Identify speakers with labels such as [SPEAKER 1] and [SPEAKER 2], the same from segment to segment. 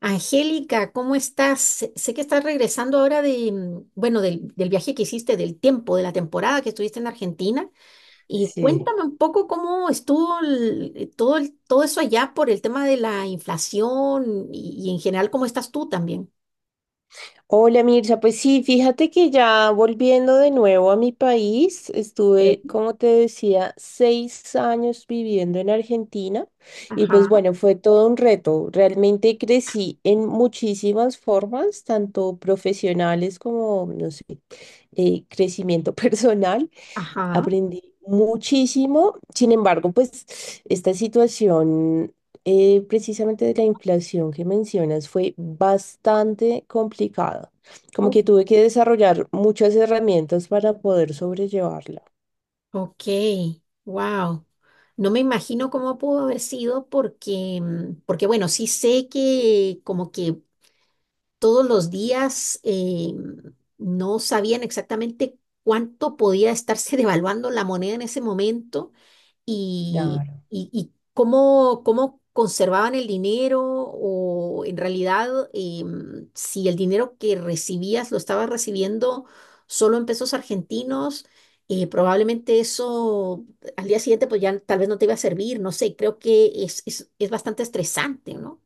[SPEAKER 1] Angélica, ¿cómo estás? Sé que estás regresando ahora de, mm, bueno, del, del viaje que hiciste, del tiempo, de la temporada que estuviste en Argentina. Y
[SPEAKER 2] Sí.
[SPEAKER 1] cuéntame un poco cómo estuvo todo eso allá por el tema de la inflación y en general cómo estás tú también.
[SPEAKER 2] Hola Mircha, pues sí, fíjate que ya volviendo de nuevo a mi país, estuve,
[SPEAKER 1] Ok.
[SPEAKER 2] como te decía, 6 años viviendo en Argentina y pues
[SPEAKER 1] Ajá,
[SPEAKER 2] bueno, fue todo un reto. Realmente crecí en muchísimas formas, tanto profesionales como, no sé, crecimiento personal.
[SPEAKER 1] ajá.
[SPEAKER 2] Aprendí muchísimo, sin embargo, pues esta situación precisamente de la inflación que mencionas fue bastante complicada. Como
[SPEAKER 1] Uf.
[SPEAKER 2] que tuve que desarrollar muchas herramientas para poder sobrellevarla.
[SPEAKER 1] Ok, wow. No me imagino cómo pudo haber sido porque, porque bueno, sí sé que como que todos los días no sabían exactamente cuánto podía estarse devaluando la moneda en ese momento y,
[SPEAKER 2] Claro.
[SPEAKER 1] y cómo, cómo conservaban el dinero o en realidad si el dinero que recibías lo estabas recibiendo solo en pesos argentinos. Probablemente eso al día siguiente pues ya tal vez no te iba a servir, no sé, creo que es bastante estresante, ¿no?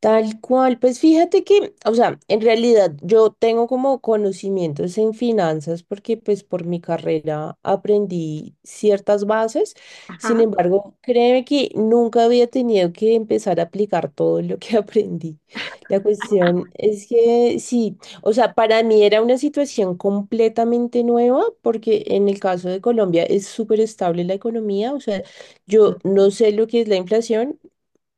[SPEAKER 2] Tal cual, pues fíjate que, o sea, en realidad yo tengo como conocimientos en finanzas porque pues por mi carrera aprendí ciertas bases. Sin
[SPEAKER 1] Ajá.
[SPEAKER 2] embargo, créeme que nunca había tenido que empezar a aplicar todo lo que aprendí. La cuestión es que sí, o sea, para mí era una situación completamente nueva porque en el caso de Colombia es súper estable la economía, o sea, yo no sé lo que es la inflación.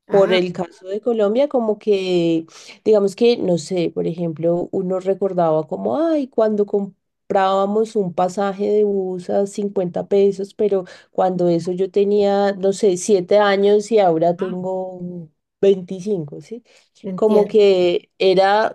[SPEAKER 2] Por
[SPEAKER 1] Ah,
[SPEAKER 2] el caso de Colombia, como que, digamos que, no sé, por ejemplo, uno recordaba como, ay, cuando comprábamos un pasaje de bus a 50 pesos, pero cuando eso yo tenía, no sé, 7 años y ahora tengo 25, ¿sí? Como
[SPEAKER 1] entiendo.
[SPEAKER 2] que era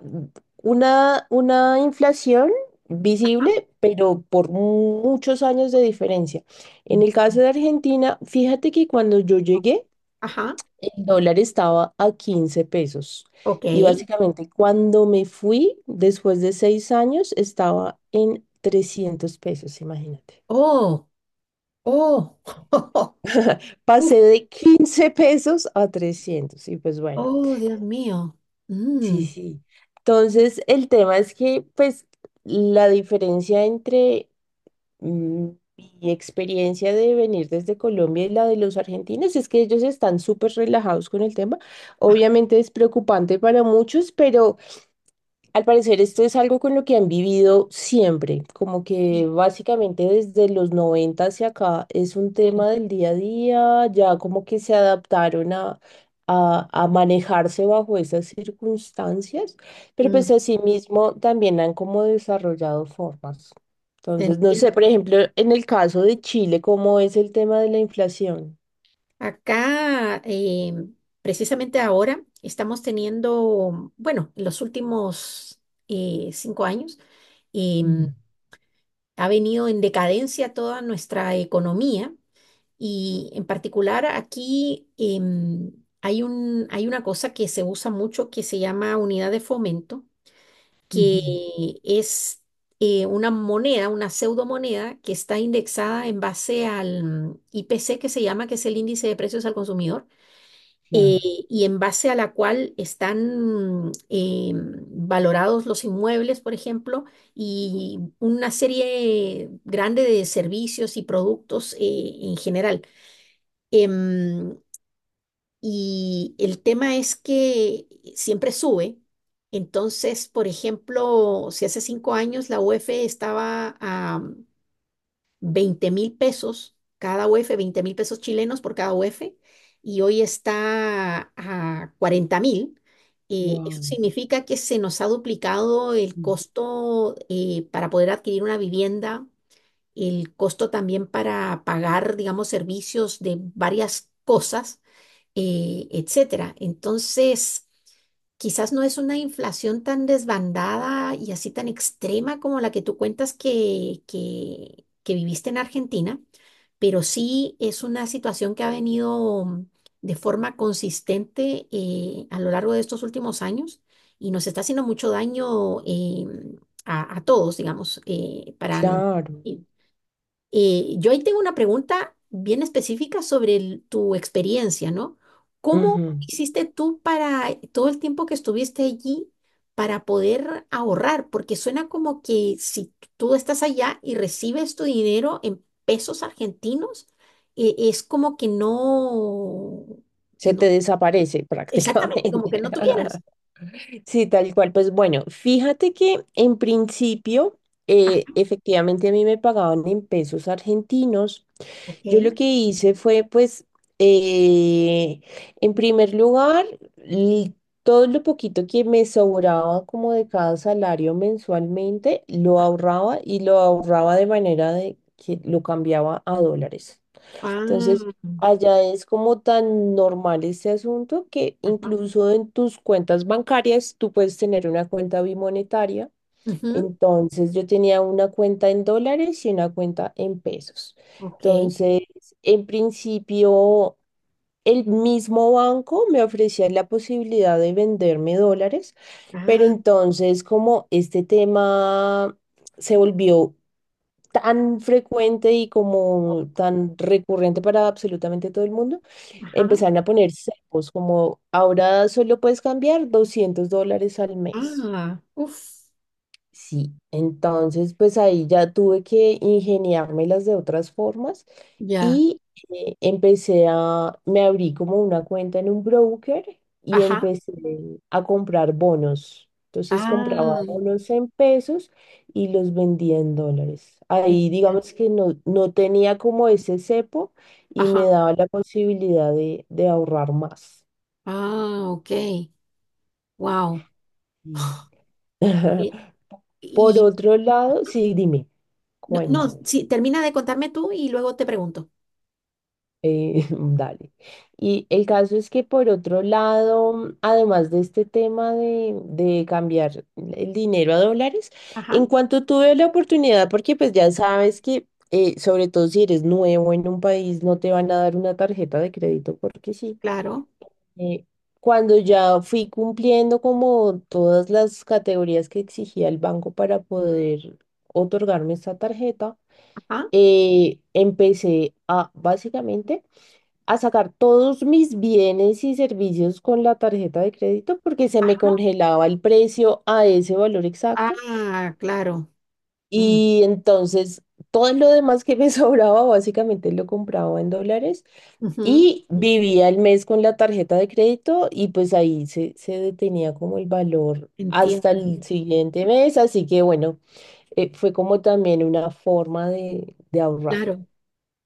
[SPEAKER 2] una inflación visible, pero por muchos años de diferencia. En el caso de Argentina, fíjate que cuando yo llegué,
[SPEAKER 1] Ajá,
[SPEAKER 2] el dólar estaba a 15 pesos
[SPEAKER 1] ok.
[SPEAKER 2] y básicamente cuando me fui, después de 6 años, estaba en 300 pesos, imagínate.
[SPEAKER 1] Oh, oh, Uf,
[SPEAKER 2] Pasé de 15 pesos a 300 y pues bueno,
[SPEAKER 1] oh, Dios mío.
[SPEAKER 2] sí,
[SPEAKER 1] Mm,
[SPEAKER 2] sí. Entonces, el tema es que pues la diferencia entre mm, mi experiencia de venir desde Colombia y la de los argentinos es que ellos están súper relajados con el tema. Obviamente es preocupante para muchos, pero al parecer esto es algo con lo que han vivido siempre, como que básicamente desde los 90 hacia acá es un
[SPEAKER 1] sí,
[SPEAKER 2] tema del día a día. Ya como que se adaptaron a, a manejarse bajo esas circunstancias, pero
[SPEAKER 1] mm,
[SPEAKER 2] pues asimismo también han como desarrollado formas.
[SPEAKER 1] te
[SPEAKER 2] Entonces, no
[SPEAKER 1] entiendo.
[SPEAKER 2] sé, por ejemplo, en el caso de Chile, ¿cómo es el tema de la inflación?
[SPEAKER 1] Acá, precisamente ahora, estamos teniendo, bueno, en los últimos 5 años, em,
[SPEAKER 2] Mm,
[SPEAKER 1] ha venido en decadencia toda nuestra economía. Y en particular aquí em, hay un, hay una cosa que se usa mucho que se llama unidad de fomento, que
[SPEAKER 2] ujú,
[SPEAKER 1] es una moneda, una pseudomoneda que está indexada en base al IPC que se llama, que es el índice de precios al consumidor, eh,
[SPEAKER 2] claro,
[SPEAKER 1] y en base a la cual están valorados los inmuebles, por ejemplo, y una serie grande de servicios y productos en general. Em, y el tema es que siempre sube. Entonces, por ejemplo, si hace 5 años la UF estaba a 20.000 pesos, cada UF, 20.000 pesos chilenos por cada UF, y hoy está a 40.000. Eso
[SPEAKER 2] wow.
[SPEAKER 1] significa que se nos ha duplicado el costo para poder adquirir una vivienda, el costo también para pagar, digamos, servicios de varias cosas etcétera. Entonces, quizás no es una inflación tan desbandada y así tan extrema como la que tú cuentas que viviste en Argentina, pero sí es una situación que ha venido de forma consistente a lo largo de estos últimos años y nos está haciendo mucho daño a todos, digamos, para...
[SPEAKER 2] Claro.
[SPEAKER 1] Sí. Yo ahí tengo una pregunta bien específica sobre tu experiencia, ¿no? ¿Cómo hiciste tú para todo el tiempo que estuviste allí para poder ahorrar? Porque suena como que si tú estás allá y recibes tu dinero en pesos argentinos, es como que no,
[SPEAKER 2] Se
[SPEAKER 1] no,
[SPEAKER 2] te desaparece
[SPEAKER 1] exactamente, como
[SPEAKER 2] prácticamente.
[SPEAKER 1] que no tuvieras.
[SPEAKER 2] Sí, tal cual. Pues bueno, fíjate que en principio,
[SPEAKER 1] Ah,
[SPEAKER 2] efectivamente a mí me pagaban en pesos argentinos.
[SPEAKER 1] ok.
[SPEAKER 2] Yo lo que hice fue, pues, eh, en primer lugar, l- todo lo poquito que me sobraba como de cada salario mensualmente, lo ahorraba, y lo ahorraba de manera de que lo cambiaba a dólares.
[SPEAKER 1] Ah,
[SPEAKER 2] Entonces, allá es como tan normal este asunto que
[SPEAKER 1] ajá.
[SPEAKER 2] incluso en tus cuentas bancarias tú puedes tener una cuenta bimonetaria.
[SPEAKER 1] Ujú,
[SPEAKER 2] Entonces, yo tenía una cuenta en dólares y una cuenta en pesos.
[SPEAKER 1] ok.
[SPEAKER 2] Entonces, en principio, el mismo banco me ofrecía la posibilidad de venderme dólares, pero
[SPEAKER 1] Ah,
[SPEAKER 2] entonces como este tema se volvió tan frecuente y como tan recurrente para absolutamente todo el mundo,
[SPEAKER 1] ajá.
[SPEAKER 2] empezaron a poner cepos, como ahora solo puedes cambiar 200 dólares al mes.
[SPEAKER 1] Ah, uff.
[SPEAKER 2] Sí, entonces pues ahí ya tuve que ingeniármelas de otras formas
[SPEAKER 1] Ya,
[SPEAKER 2] y me abrí como una cuenta en un broker y
[SPEAKER 1] ajá,
[SPEAKER 2] empecé, ujú, a comprar bonos. Entonces
[SPEAKER 1] ah,
[SPEAKER 2] compraba bonos en pesos y los vendía en dólares. Ahí
[SPEAKER 1] entiendo.
[SPEAKER 2] digamos que no, no tenía como ese cepo y
[SPEAKER 1] Ajá,
[SPEAKER 2] me daba la posibilidad de, ahorrar más.
[SPEAKER 1] ah, ok, wow.
[SPEAKER 2] Y-
[SPEAKER 1] Y,
[SPEAKER 2] Por
[SPEAKER 1] y-
[SPEAKER 2] otro lado, sí, dime,
[SPEAKER 1] no, no,
[SPEAKER 2] cuéntame.
[SPEAKER 1] sí, termina de contarme tú y luego te pregunto.
[SPEAKER 2] Dale. Y el caso es que por otro lado, además de este tema de cambiar el dinero a dólares,
[SPEAKER 1] Ajá,
[SPEAKER 2] en cuanto tuve la oportunidad, porque pues ya sabes que sobre todo si eres nuevo en un país, no te van a dar una tarjeta de crédito porque sí.
[SPEAKER 1] claro,
[SPEAKER 2] Eh, cuando ya fui cumpliendo como todas las categorías que exigía el banco para poder otorgarme esta tarjeta,
[SPEAKER 1] ajá,
[SPEAKER 2] empecé a básicamente a sacar todos mis bienes y servicios con la tarjeta de crédito porque se me
[SPEAKER 1] ajá,
[SPEAKER 2] congelaba el precio a ese valor exacto.
[SPEAKER 1] ah, claro, mm,
[SPEAKER 2] Y entonces todo lo demás que me sobraba básicamente lo compraba en dólares
[SPEAKER 1] ujú,
[SPEAKER 2] y vivía el mes con la tarjeta de crédito, y pues ahí se detenía como el valor hasta
[SPEAKER 1] entiendo,
[SPEAKER 2] el siguiente mes, así que bueno, fue como también una forma de ahorrar.
[SPEAKER 1] claro.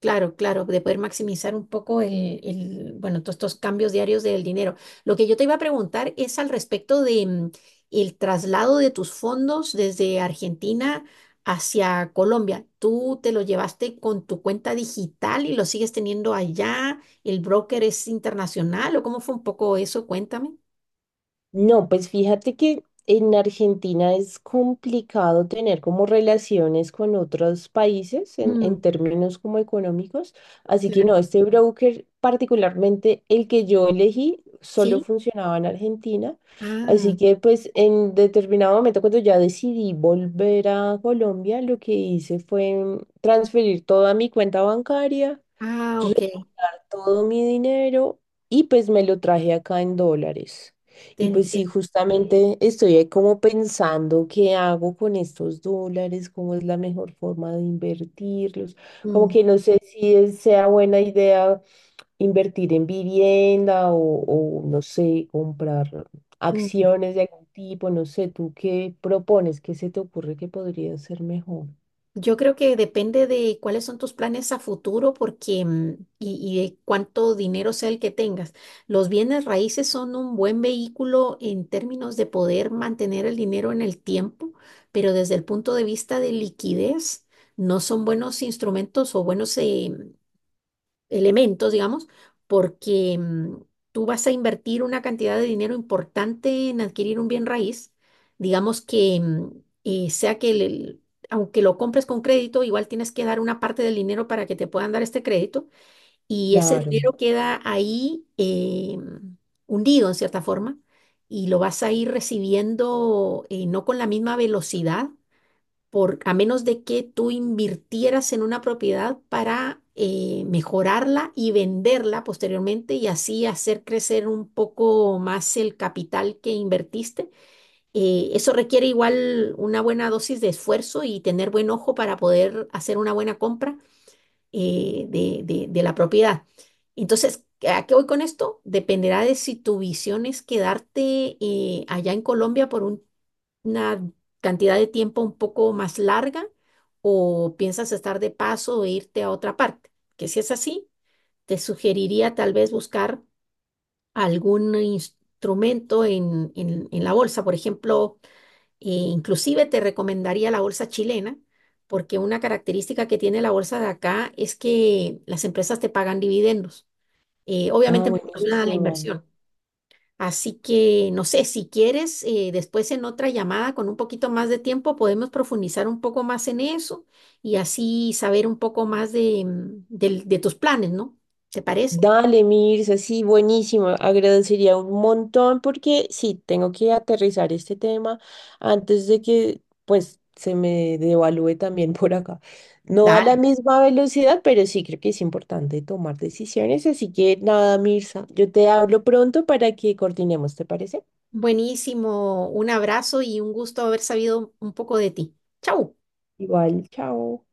[SPEAKER 1] Claro, claro, de poder maximizar un poco bueno, todos estos cambios diarios del dinero. Lo que yo te iba a preguntar es al respecto de el traslado de tus fondos desde Argentina hacia Colombia. ¿Tú te lo llevaste con tu cuenta digital y lo sigues teniendo allá? ¿El broker es internacional o cómo fue un poco eso? Cuéntame.
[SPEAKER 2] No, pues fíjate que en Argentina es complicado tener como relaciones con otros países en,
[SPEAKER 1] Mm,
[SPEAKER 2] términos como económicos, así que
[SPEAKER 1] claro.
[SPEAKER 2] no, este broker, particularmente el que yo elegí, solo
[SPEAKER 1] Sí.
[SPEAKER 2] funcionaba en Argentina,
[SPEAKER 1] Ah,
[SPEAKER 2] así que pues en determinado momento cuando ya decidí volver a Colombia, lo que hice fue transferir toda mi cuenta bancaria,
[SPEAKER 1] ah, ok.
[SPEAKER 2] todo mi dinero, y pues me lo traje acá en dólares.
[SPEAKER 1] Te
[SPEAKER 2] Y pues sí,
[SPEAKER 1] entiendo.
[SPEAKER 2] justamente estoy ahí como pensando qué hago con estos dólares, cómo es la mejor forma de invertirlos, como
[SPEAKER 1] Mm,
[SPEAKER 2] que no sé si sea buena idea invertir en vivienda o, no sé, comprar
[SPEAKER 1] mm.
[SPEAKER 2] acciones de algún tipo, no sé, ¿tú qué propones? ¿Qué se te ocurre que podría ser mejor?
[SPEAKER 1] Yo creo que depende de cuáles son tus planes a futuro porque, mm, y de cuánto dinero sea el que tengas. Los bienes raíces son un buen vehículo en términos de poder mantener el dinero en el tiempo, pero desde el punto de vista de liquidez, no son buenos instrumentos o buenos elementos, digamos, porque tú vas a invertir una cantidad de dinero importante en adquirir un bien raíz, digamos que sea que aunque lo compres con crédito, igual tienes que dar una parte del dinero para que te puedan dar este crédito y ese
[SPEAKER 2] Claro.
[SPEAKER 1] dinero queda ahí hundido en cierta forma y lo vas a ir recibiendo no con la misma velocidad por, a menos de que tú invirtieras en una propiedad para mejorarla y venderla posteriormente y así hacer crecer un poco más el capital que invertiste. Eso requiere igual una buena dosis de esfuerzo y tener buen ojo para poder hacer una buena compra de la propiedad. Entonces, ¿a qué voy con esto? Dependerá de si tu visión es quedarte allá en Colombia por un una cantidad de tiempo un poco más larga o piensas estar de paso o irte a otra parte. Que si es así, te sugeriría tal vez buscar algún instrumento en, en la bolsa. Por ejemplo, inclusive te recomendaría la bolsa chilena, porque una característica que tiene la bolsa de acá es que las empresas te pagan dividendos.
[SPEAKER 2] Ah,
[SPEAKER 1] Obviamente en proporción a la
[SPEAKER 2] buenísimo.
[SPEAKER 1] inversión. Así que, no sé, si quieres, después en otra llamada con un poquito más de tiempo podemos profundizar un poco más en eso y así saber un poco más de, de tus planes, ¿no? ¿Te parece?
[SPEAKER 2] Dale, Mirza, sí, buenísimo. Agradecería un montón porque sí, tengo que aterrizar este tema antes de que pues se me devalúe también por acá. No a la
[SPEAKER 1] Dale.
[SPEAKER 2] misma velocidad, pero sí creo que es importante tomar decisiones. Así que nada, Mirza, yo te hablo pronto para que coordinemos, ¿te parece?
[SPEAKER 1] Buenísimo. Un abrazo y un gusto haber sabido un poco de ti. Chau.
[SPEAKER 2] Igual, chao.